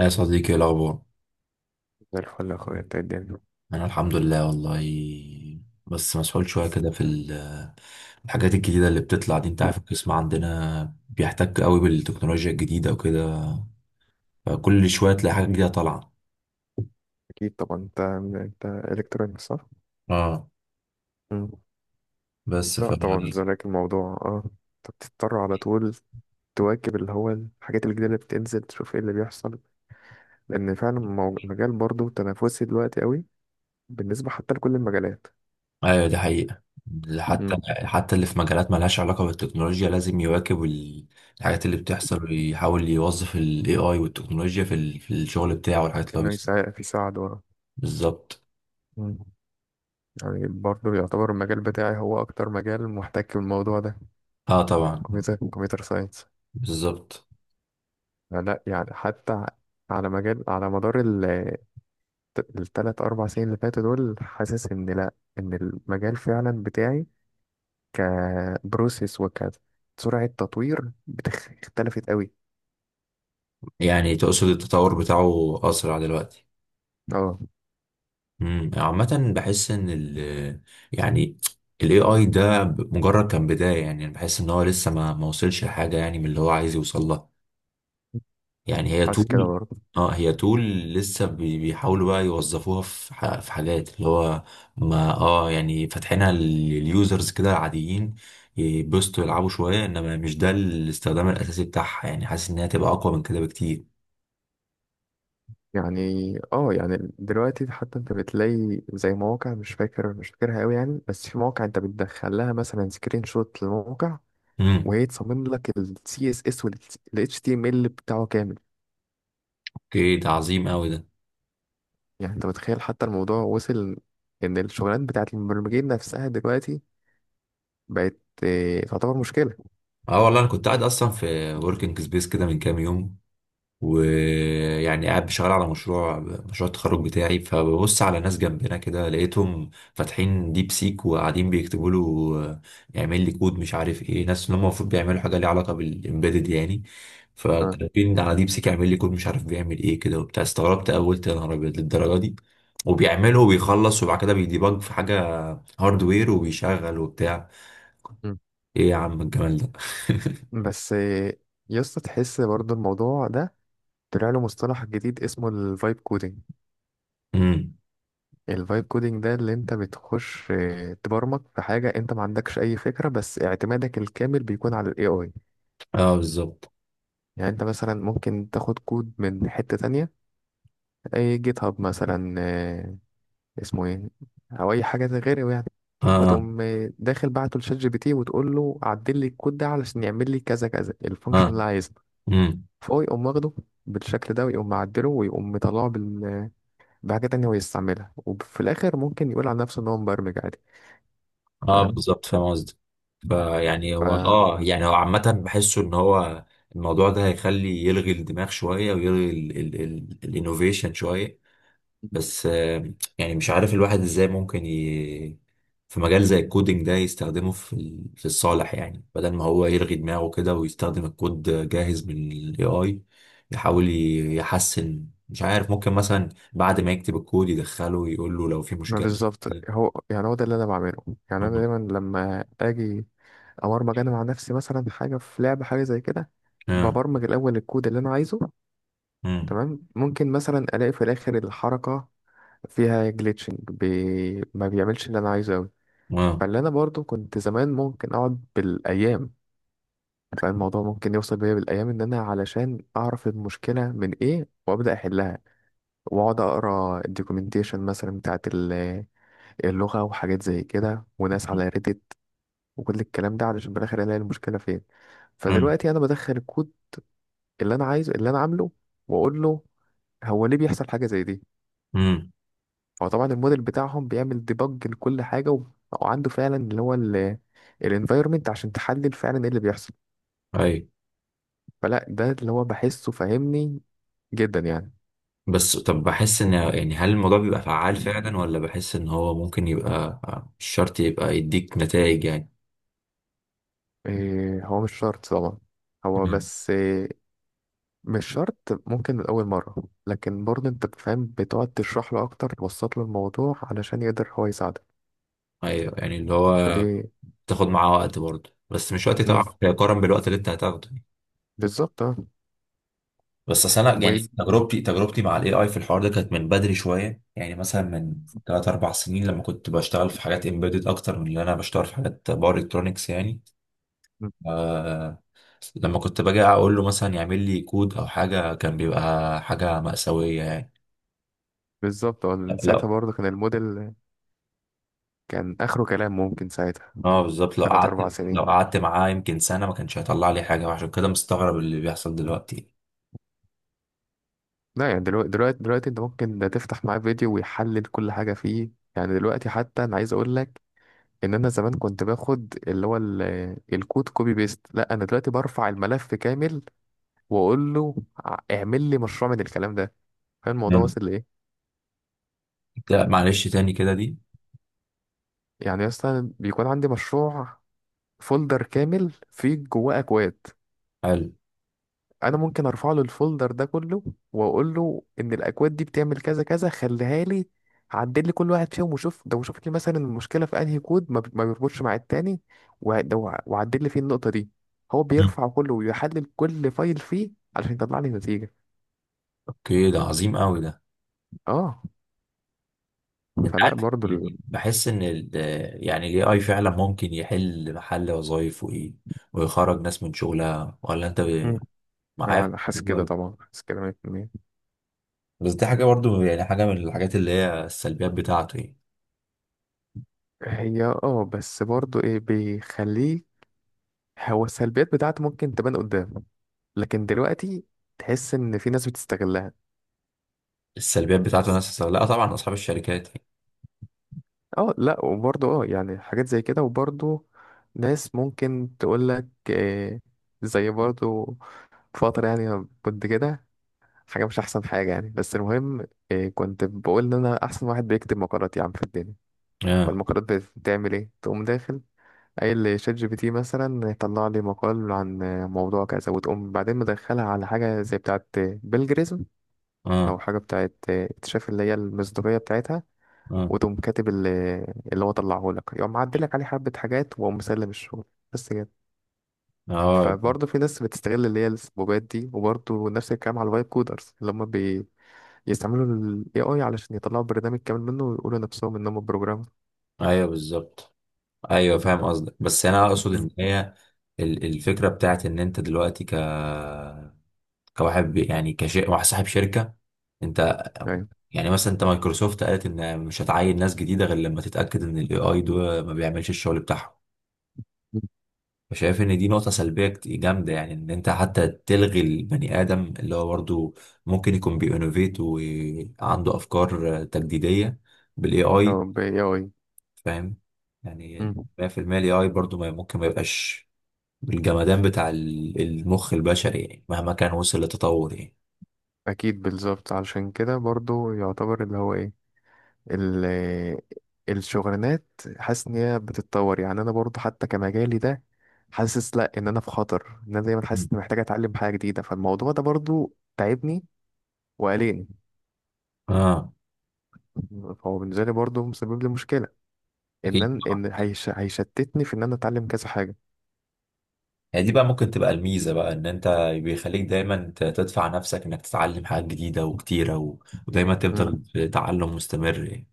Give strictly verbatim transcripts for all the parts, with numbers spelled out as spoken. يا صديقي، إيه الأخبار؟ زي الفل يا اخويا، انت إيه الدنيا؟ أنا الحمد لله والله. بس مسحول شوية كده في ال- الحاجات الجديدة اللي بتطلع دي. أنت عارف، القسم عندنا بيحتك قوي بالتكنولوجيا الجديدة وكده، فكل شوية تلاقي حاجة جديدة طالعة. اكيد طبعا. انت انت الكترونيك صح؟ اه. مم. بس ف لا طبعا، زيك الموضوع. اه انت بتضطر على طول تواكب اللي هو الحاجات الجديده اللي بتنزل، تشوف ايه اللي بيحصل. لان فعلا مو- المجال برضه تنافسي دلوقتي قوي، بالنسبه حتى لكل المجالات. أيوة، دي حقيقة. حتى مم. حتى اللي في مجالات مالهاش علاقة بالتكنولوجيا لازم يواكب ال- الحاجات اللي بتحصل، ويحاول يوظف ال A I والتكنولوجيا في ال- في الشغل بتاعه والحاجات اللي هو انه بيس- يساعد يساعد ورا. بالظبط. مم. يعني برضه يعتبر المجال بتاعي هو اكتر مجال محتك بالموضوع ده. اه طبعا. كمبيوتر كمبيوتر ساينس. بالظبط. لا يعني حتى على مجال على مدار الثلاث أربع سنين اللي فاتوا دول، حاسس إن، لأ، إن المجال فعلا بتاعي كبروسيس وكسرعة تطوير بتخ- اختلفت قوي. يعني تقصد التطور بتاعه أسرع دلوقتي. اه، امم عامة بحس إن ال، يعني ال إيه آي ده مجرد كان بداية. يعني أنا بحس إن هو لسه ما ما وصلش لحاجة، يعني من اللي هو عايز يوصل لها. يعني هي حاسس كده طول. برضه. اه، هي طول لسه بي- بيحاولوا بقى يوظفوها في ح- في حاجات اللي هو ما اه يعني فاتحينها لليوزرز كده عاديين، يبسطوا يلعبوا شوية، إنما مش ده الاستخدام الأساسي بتاعها. يعني حاسس إنها تبقى أقوى من كده بكتير. يعني، اه يعني دلوقتي حتى انت بتلاقي زي مواقع، مش فاكر مش فاكرها قوي يعني، بس في مواقع انت بتدخل لها مثلا سكرين شوت للموقع امم وهي تصمم لك ال C S S وال H T M L بتاعه كامل. اوكي، ده عظيم قوي ده. يعني انت متخيل حتى الموضوع وصل ان الشغلانات بتاعت المبرمجين نفسها دلوقتي بقت، آه، تعتبر مشكلة. اه والله، انا كنت قاعد اصلا في وركينج سبيس كده من كام يوم، ويعني قاعد بشتغل على مشروع مشروع التخرج بتاعي. فببص على ناس جنبنا كده، لقيتهم فاتحين ديب سيك وقاعدين بيكتبوا له آه، يعمل لي كود مش عارف ايه. ناس اللي هم المفروض بيعملوا حاجه ليها علاقه بالامبيدد يعني، اه. فكاتبين على ديب سيك يعمل لي كود مش عارف بيعمل ايه كده وبتاع. استغربت أوي، قلت يا نهار ابيض للدرجه دي. وبيعمله وبيخلص، وبعد كده بيديبج في حاجه هاردوير وبيشغل وبتاع. مم. ايه يا عم الجمال ده! بس، آه، يا اسطى، تحس برضو الموضوع ده طلع له مصطلح جديد اسمه الفايب كودينج. مم. الفايب كودينج ده اللي انت بتخش آه، تبرمج في حاجة انت ما عندكش اي فكرة، بس اعتمادك الكامل بيكون على الاي اي. اه بالظبط. يعني انت مثلا ممكن تاخد كود من حتة تانية، اي جيت هاب مثلا، آه، اسمه ايه، او اي حاجة غيره يعني. اه. فتقوم، آه، داخل بعته لشات جي بي تي وتقول له عدل لي الكود ده علشان يعمل لي كذا كذا، اه. الفانكشن اللي عايزها. امم. فهو يقوم واخده بالشكل ده ويقوم معدله ويقوم مطلعه بال... بحاجة تانية هو يستعملها، وفي الآخر ممكن يقول على نفسه إن هو مبرمج عادي. اه فاهم. بالظبط، فاهم قصدي. فيعني ف هو، اه يعني هو عامة بحسه ان هو الموضوع ده هيخلي يلغي الدماغ شوية، ويلغي الانوفيشن شوية. بس آه، يعني مش عارف الواحد ازاي ممكن ي... في مجال زي الكودينج ده يستخدمه في ال- في الصالح. يعني بدل ما هو يلغي دماغه كده ويستخدم الكود جاهز من الاي اي، يحاول ي- يحسن. مش عارف، ممكن مثلا بعد ما يكتب الكود يدخله يقول له لو في ما مشكلة. بالظبط، هو يعني هو ده اللي أنا بعمله. يعني أنا مم. دايما لما أجي أبرمج أنا مع نفسي مثلا حاجة في لعبة، حاجة زي كده، مم. ببرمج الأول الكود اللي أنا عايزه. مم. تمام، ممكن مثلا ألاقي في الآخر الحركة فيها جليتشنج، بي... ما بيعملش اللي أنا عايزه أوي. مم. فاللي أنا برضو كنت زمان ممكن أقعد بالأيام، فالموضوع ممكن يوصل بيا بالايام، ان انا علشان اعرف المشكله من ايه وابدا احلها، واقعد اقرا الدوكيومنتيشن مثلا بتاعت ال- اللغه وحاجات زي كده، وناس على ريديت وكل الكلام ده، علشان بالاخر الاقي المشكله فين. مم. فدلوقتي انا بدخل الكود اللي انا عايزه، اللي انا عامله، واقول له هو ليه بيحصل حاجه زي دي. مم. هو طبعا الموديل بتاعهم بيعمل ديبج لكل حاجه، و- وعنده فعلا اللي هو الانفايرمنت عشان تحلل فعلا ايه اللي بيحصل. اي. فلا، ده اللي هو بحسه، فاهمني جدا يعني. بس طب، بحس ان، يعني هل الموضوع بيبقى فعال فعلا، ولا بحس ان هو ممكن يبقى آه، مش شرط يبقى يديك نتائج يعني. إيه، هو مش شرط طبعا. هو بس إيه؟ مش شرط ممكن من أول مرة، لكن برضه أنت بتفهم، بتقعد تشرح له أكتر، توسط له الموضوع علشان يقدر هو يساعدك. ايوه، يعني اللي هو ودي. بتاخد معاه وقت برضه، بس مش وقت مم. طبعا يقارن بالوقت اللي انت هتاخده يعني. بالظبط اه. بس أصل أنا، يعني وي- تجربتي تجربتي مع الاي اي في الحوار ده كانت من بدري شوية. يعني مثلا من تلات أربع سنين، لما كنت بشتغل في حاجات امبيدد أكتر من اللي أنا بشتغل في حاجات باور إلكترونكس يعني. مم. آه. لما كنت باجي أقول له مثلا يعمل لي كود أو حاجة، كان بيبقى حاجة مأساوية يعني. بالظبط اه. لأن لا. ساعتها برضه كان الموديل، كان آخره كلام ممكن ساعتها اه بالظبط. لو تلات أربع قعدت لو سنين. قعدت معاه يمكن سنة ما كانش هيطلع لي حاجة، وعشان كده مستغرب اللي بيحصل دلوقتي. لا يعني دلوقتي دلوقتي دلوقتي أنت ممكن تفتح معاه فيديو ويحلل كل حاجة فيه. يعني دلوقتي حتى أنا عايز أقول لك ان انا زمان كنت باخد اللي هو ال- الكود كوبي بيست. لا انا دلوقتي برفع الملف كامل واقول له ع- اعمل لي مشروع من الكلام ده. فاهم الموضوع وصل لايه. لا معلش، تاني كده دي. يعني اصلا بيكون عندي مشروع، فولدر كامل فيه جواه اكواد، حلو. انا ممكن ارفع له الفولدر ده كله واقول له ان الاكواد دي بتعمل كذا كذا، خليها لي، عدل لي كل واحد فيهم، وشوف ده، وشوف لي مثلا المشكله في انهي كود ما بت- ما بيربطش مع التاني، وع- ده وع- وعدل لي فيه النقطه دي. هو مم. بيرفع كله ويحلل كل فايل فيه علشان يطلع لي نتيجه. اوكي، ده عظيم قوي ده. اه. انت فلا عارف، برضو ال... يعني بحس ان ال، يعني الاي اي فعلا ممكن يحل محل وظايف وايه، ويخرج ناس من شغلها. ولا انت ب- مم. معايا؟ انا حاسس كده طبعا، حاسس كده مية في المية. بس دي حاجه برضو، يعني حاجه من الحاجات اللي هي السلبيات بتاعته يعني. هي اه، بس برضو ايه بيخليه، هو السلبيات بتاعته ممكن تبان قدام، لكن دلوقتي تحس ان في ناس بتستغلها. السلبيات بتاعته ناس، لا طبعا، اصحاب الشركات. اه، لا، وبرضه اه يعني حاجات زي كده، وبرضه ناس ممكن تقول لك، آه، زي برضه فترة يعني كنت كده حاجة مش أحسن حاجة يعني. بس المهم، آه، كنت بقول إن أنا أحسن واحد بيكتب مقالات يا عم في الدنيا. اه. فالمقالات بتعمل إيه؟ تقوم داخل قايل لشات جي بي تي مثلا طلع لي مقال عن، آه، موضوع كذا، وتقوم بعدين مدخلها على حاجة زي بتاعة بيلجريزم، أو اه. حاجة بتاعة آه، اكتشاف، اللي هي المصداقية بتاعتها. اه. وتقوم كاتب ال- اللي هو طلعه لك، يقوم معدلك عليه حبة حاجات وقوم مسلم الشغل، بس كده. اه. فبرضه في ناس بتستغل اللي هي السبوبات دي، وبرضه نفس الكلام على الفايب كودرز اللي هم بيستعملوا ال إيه آي علشان يطلعوا برنامج كامل منه ويقولوا نفسهم إنهم بروجرامر. ايوه بالظبط. ايوه فاهم قصدك. بس انا اقصد ان مم. هي ال- الفكره بتاعت ان انت دلوقتي ك، كواحد بي- يعني كشيء واحد صاحب شركة انت. يعني. يعني مثلا انت، مايكروسوفت قالت ان مش هتعين ناس جديدة غير لما تتأكد ان الاي اي ده ما بيعملش الشغل بتاعهم. مم. فشايف ان دي نقطة سلبية كت- جامدة يعني، ان انت حتى تلغي البني ادم اللي هو برضو ممكن يكون بينوفيت وعنده افكار تجديدية بالاي اي. اه، ب إيه آي. فاهم؟ يعني مم. مية في المية الاي اي برضو ما ممكن ما يبقاش بالجمدان بتاع ال- المخ البشري يعني، مهما كان وصل لتطور يعني. أكيد، بالظبط. علشان كده برضه يعتبر اللي هو إيه، ال- الشغلانات، حاسس ان هي بتتطور. يعني انا برضو حتى كمجالي ده، حاسس، لا، ان انا في خطر، ان انا دايما حاسس اني محتاج اتعلم حاجه جديده. فالموضوع ده برضو تعبني وقلقني. اه فهو بالنسبه لي برضو مسبب لي مشكله ان اكيد. أنا- ان هيش هيشتتني في ان انا اتعلم كذا حاجه. هي دي بقى ممكن تبقى الميزة بقى، ان انت بيخليك دايما ت- تدفع نفسك انك تتعلم حاجات جديدة وكتيرة و... ودايما مم. تفضل في تعلم مستمر يعني.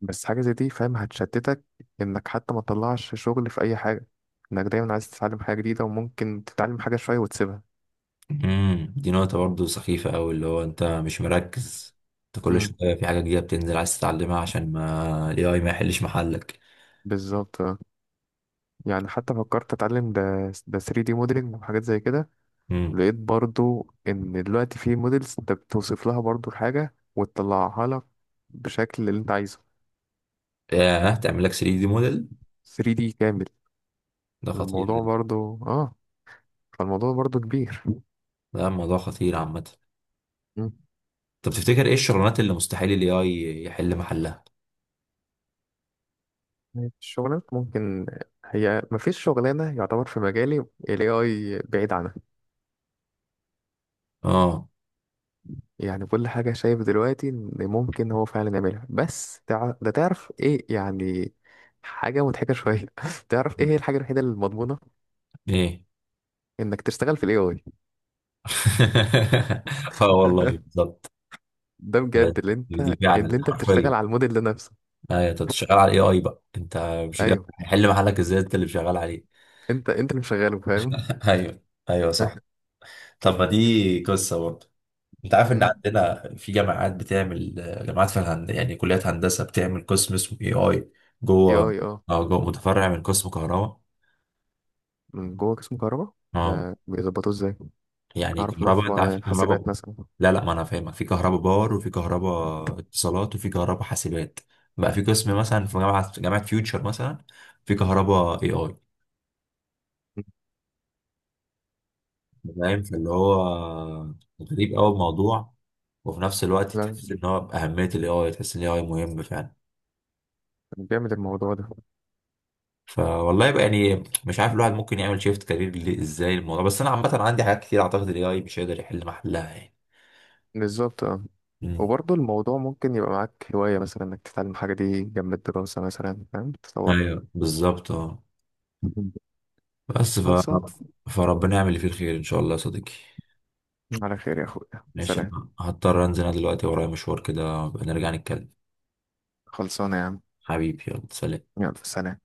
بس حاجه زي دي فاهم هتشتتك، انك حتى ما تطلعش شغل في اي حاجه، انك دايما عايز تتعلم حاجه جديده، وممكن تتعلم حاجه شويه وتسيبها. امم، دي نقطة برضه سخيفة قوي، اللي هو انت مش مركز، انت كل مم. شوية في حاجة جديدة بتنزل عايز تتعلمها عشان ما ال إيه آي ما يحلش محلك. بالظبط. يعني حتى فكرت اتعلم ده ده ثري دي موديلنج وحاجات زي كده، امم. لقيت برضو ان دلوقتي في موديلز انت بتوصف لها برضو الحاجة وتطلعها لك بشكل اللي انت عايزه، ياه، تعمل لك ثري دي موديل؟ ثري دي كامل. ده خطير الموضوع ده. برضو اه فالموضوع برضو كبير. ده موضوع خطير عامة. مم. طب تفتكر ايه الشغلانات اللي مستحيل ال إيه آي يحل محلها؟ الشغلات ممكن، هي مفيش شغلانة يعتبر في مجالي ال إيه آي بعيد عنها. اه. يعني كل حاجة شايف دلوقتي إن ممكن هو فعلا يعملها. بس تع... ده تعرف إيه يعني، حاجة مضحكة شوية. تعرف إيه هي الحاجة الوحيدة المضمونة؟ ايه؟ إنك تشتغل في ال إيه آي. اه والله بالظبط. ده بجد اللي أنت دي فعلا اللي أنت حرفيا. بتشتغل على الموديل ده نفسه. ايوه، انت شغال على الاي اي بقى انت، مش ال إيه آي أيوه، هيحل محلك ازاي، انت اللي شغال عليه. أنت أنت اللي مشغله، فاهم. ايوه. ايوه صح. طب ما دي قصه برضه، انت عارف ان أمم، عندنا في جامعات بتعمل، جامعات في الهند يعني كليات هندسه، بتعمل قسم اسمه اي اي. اه جوه. إيه آي. أه، اه، جو متفرع من قسم كهرباء. من جوه قسم كهرباء. اه. ده بيظبطوه إزاي؟ يعني أعرف إن هو كهرباء، انت عارف في في حاسبات كهرباء، مثلا. لا لا، ما انا فاهمك، في كهرباء باور وفي كهرباء اتصالات وفي كهرباء حاسبات، بقى في قسم مثلا في جامعه جامعه فيوتشر مثلا في كهرباء اي اي. أمم. فاهم؟ فاللي هو غريب قوي الموضوع، وفي نفس الوقت لا، تحس ان هو باهميه الاي اي، تحس ان الاي اي مهم فعلا. جامد الموضوع ده. فوالله يبقى، يعني مش عارف الواحد ممكن يعمل شيفت كارير ليه، ازاي الموضوع. بس انا عامه عندي حاجات كتير اعتقد الاي اي مش هيقدر يحل محلها يعني. بالظبط أه. امم. وبرضه الموضوع ممكن يبقى معاك هواية، مثلا إنك تتعلم حاجة دي جنب الدراسة مثلا، فاهم، تطور. ايوه بالظبط اه. بس ف خلصان. فربنا يعمل اللي فيه الخير ان شاء الله يا صديقي. على خير يا أخويا، ماشي، سلام. انا هضطر انزل انا دلوقتي، ورايا مشوار كده بقى، نرجع نتكلم. خلصانة يا عم. حبيبي، يلا سلام. يلا سلام.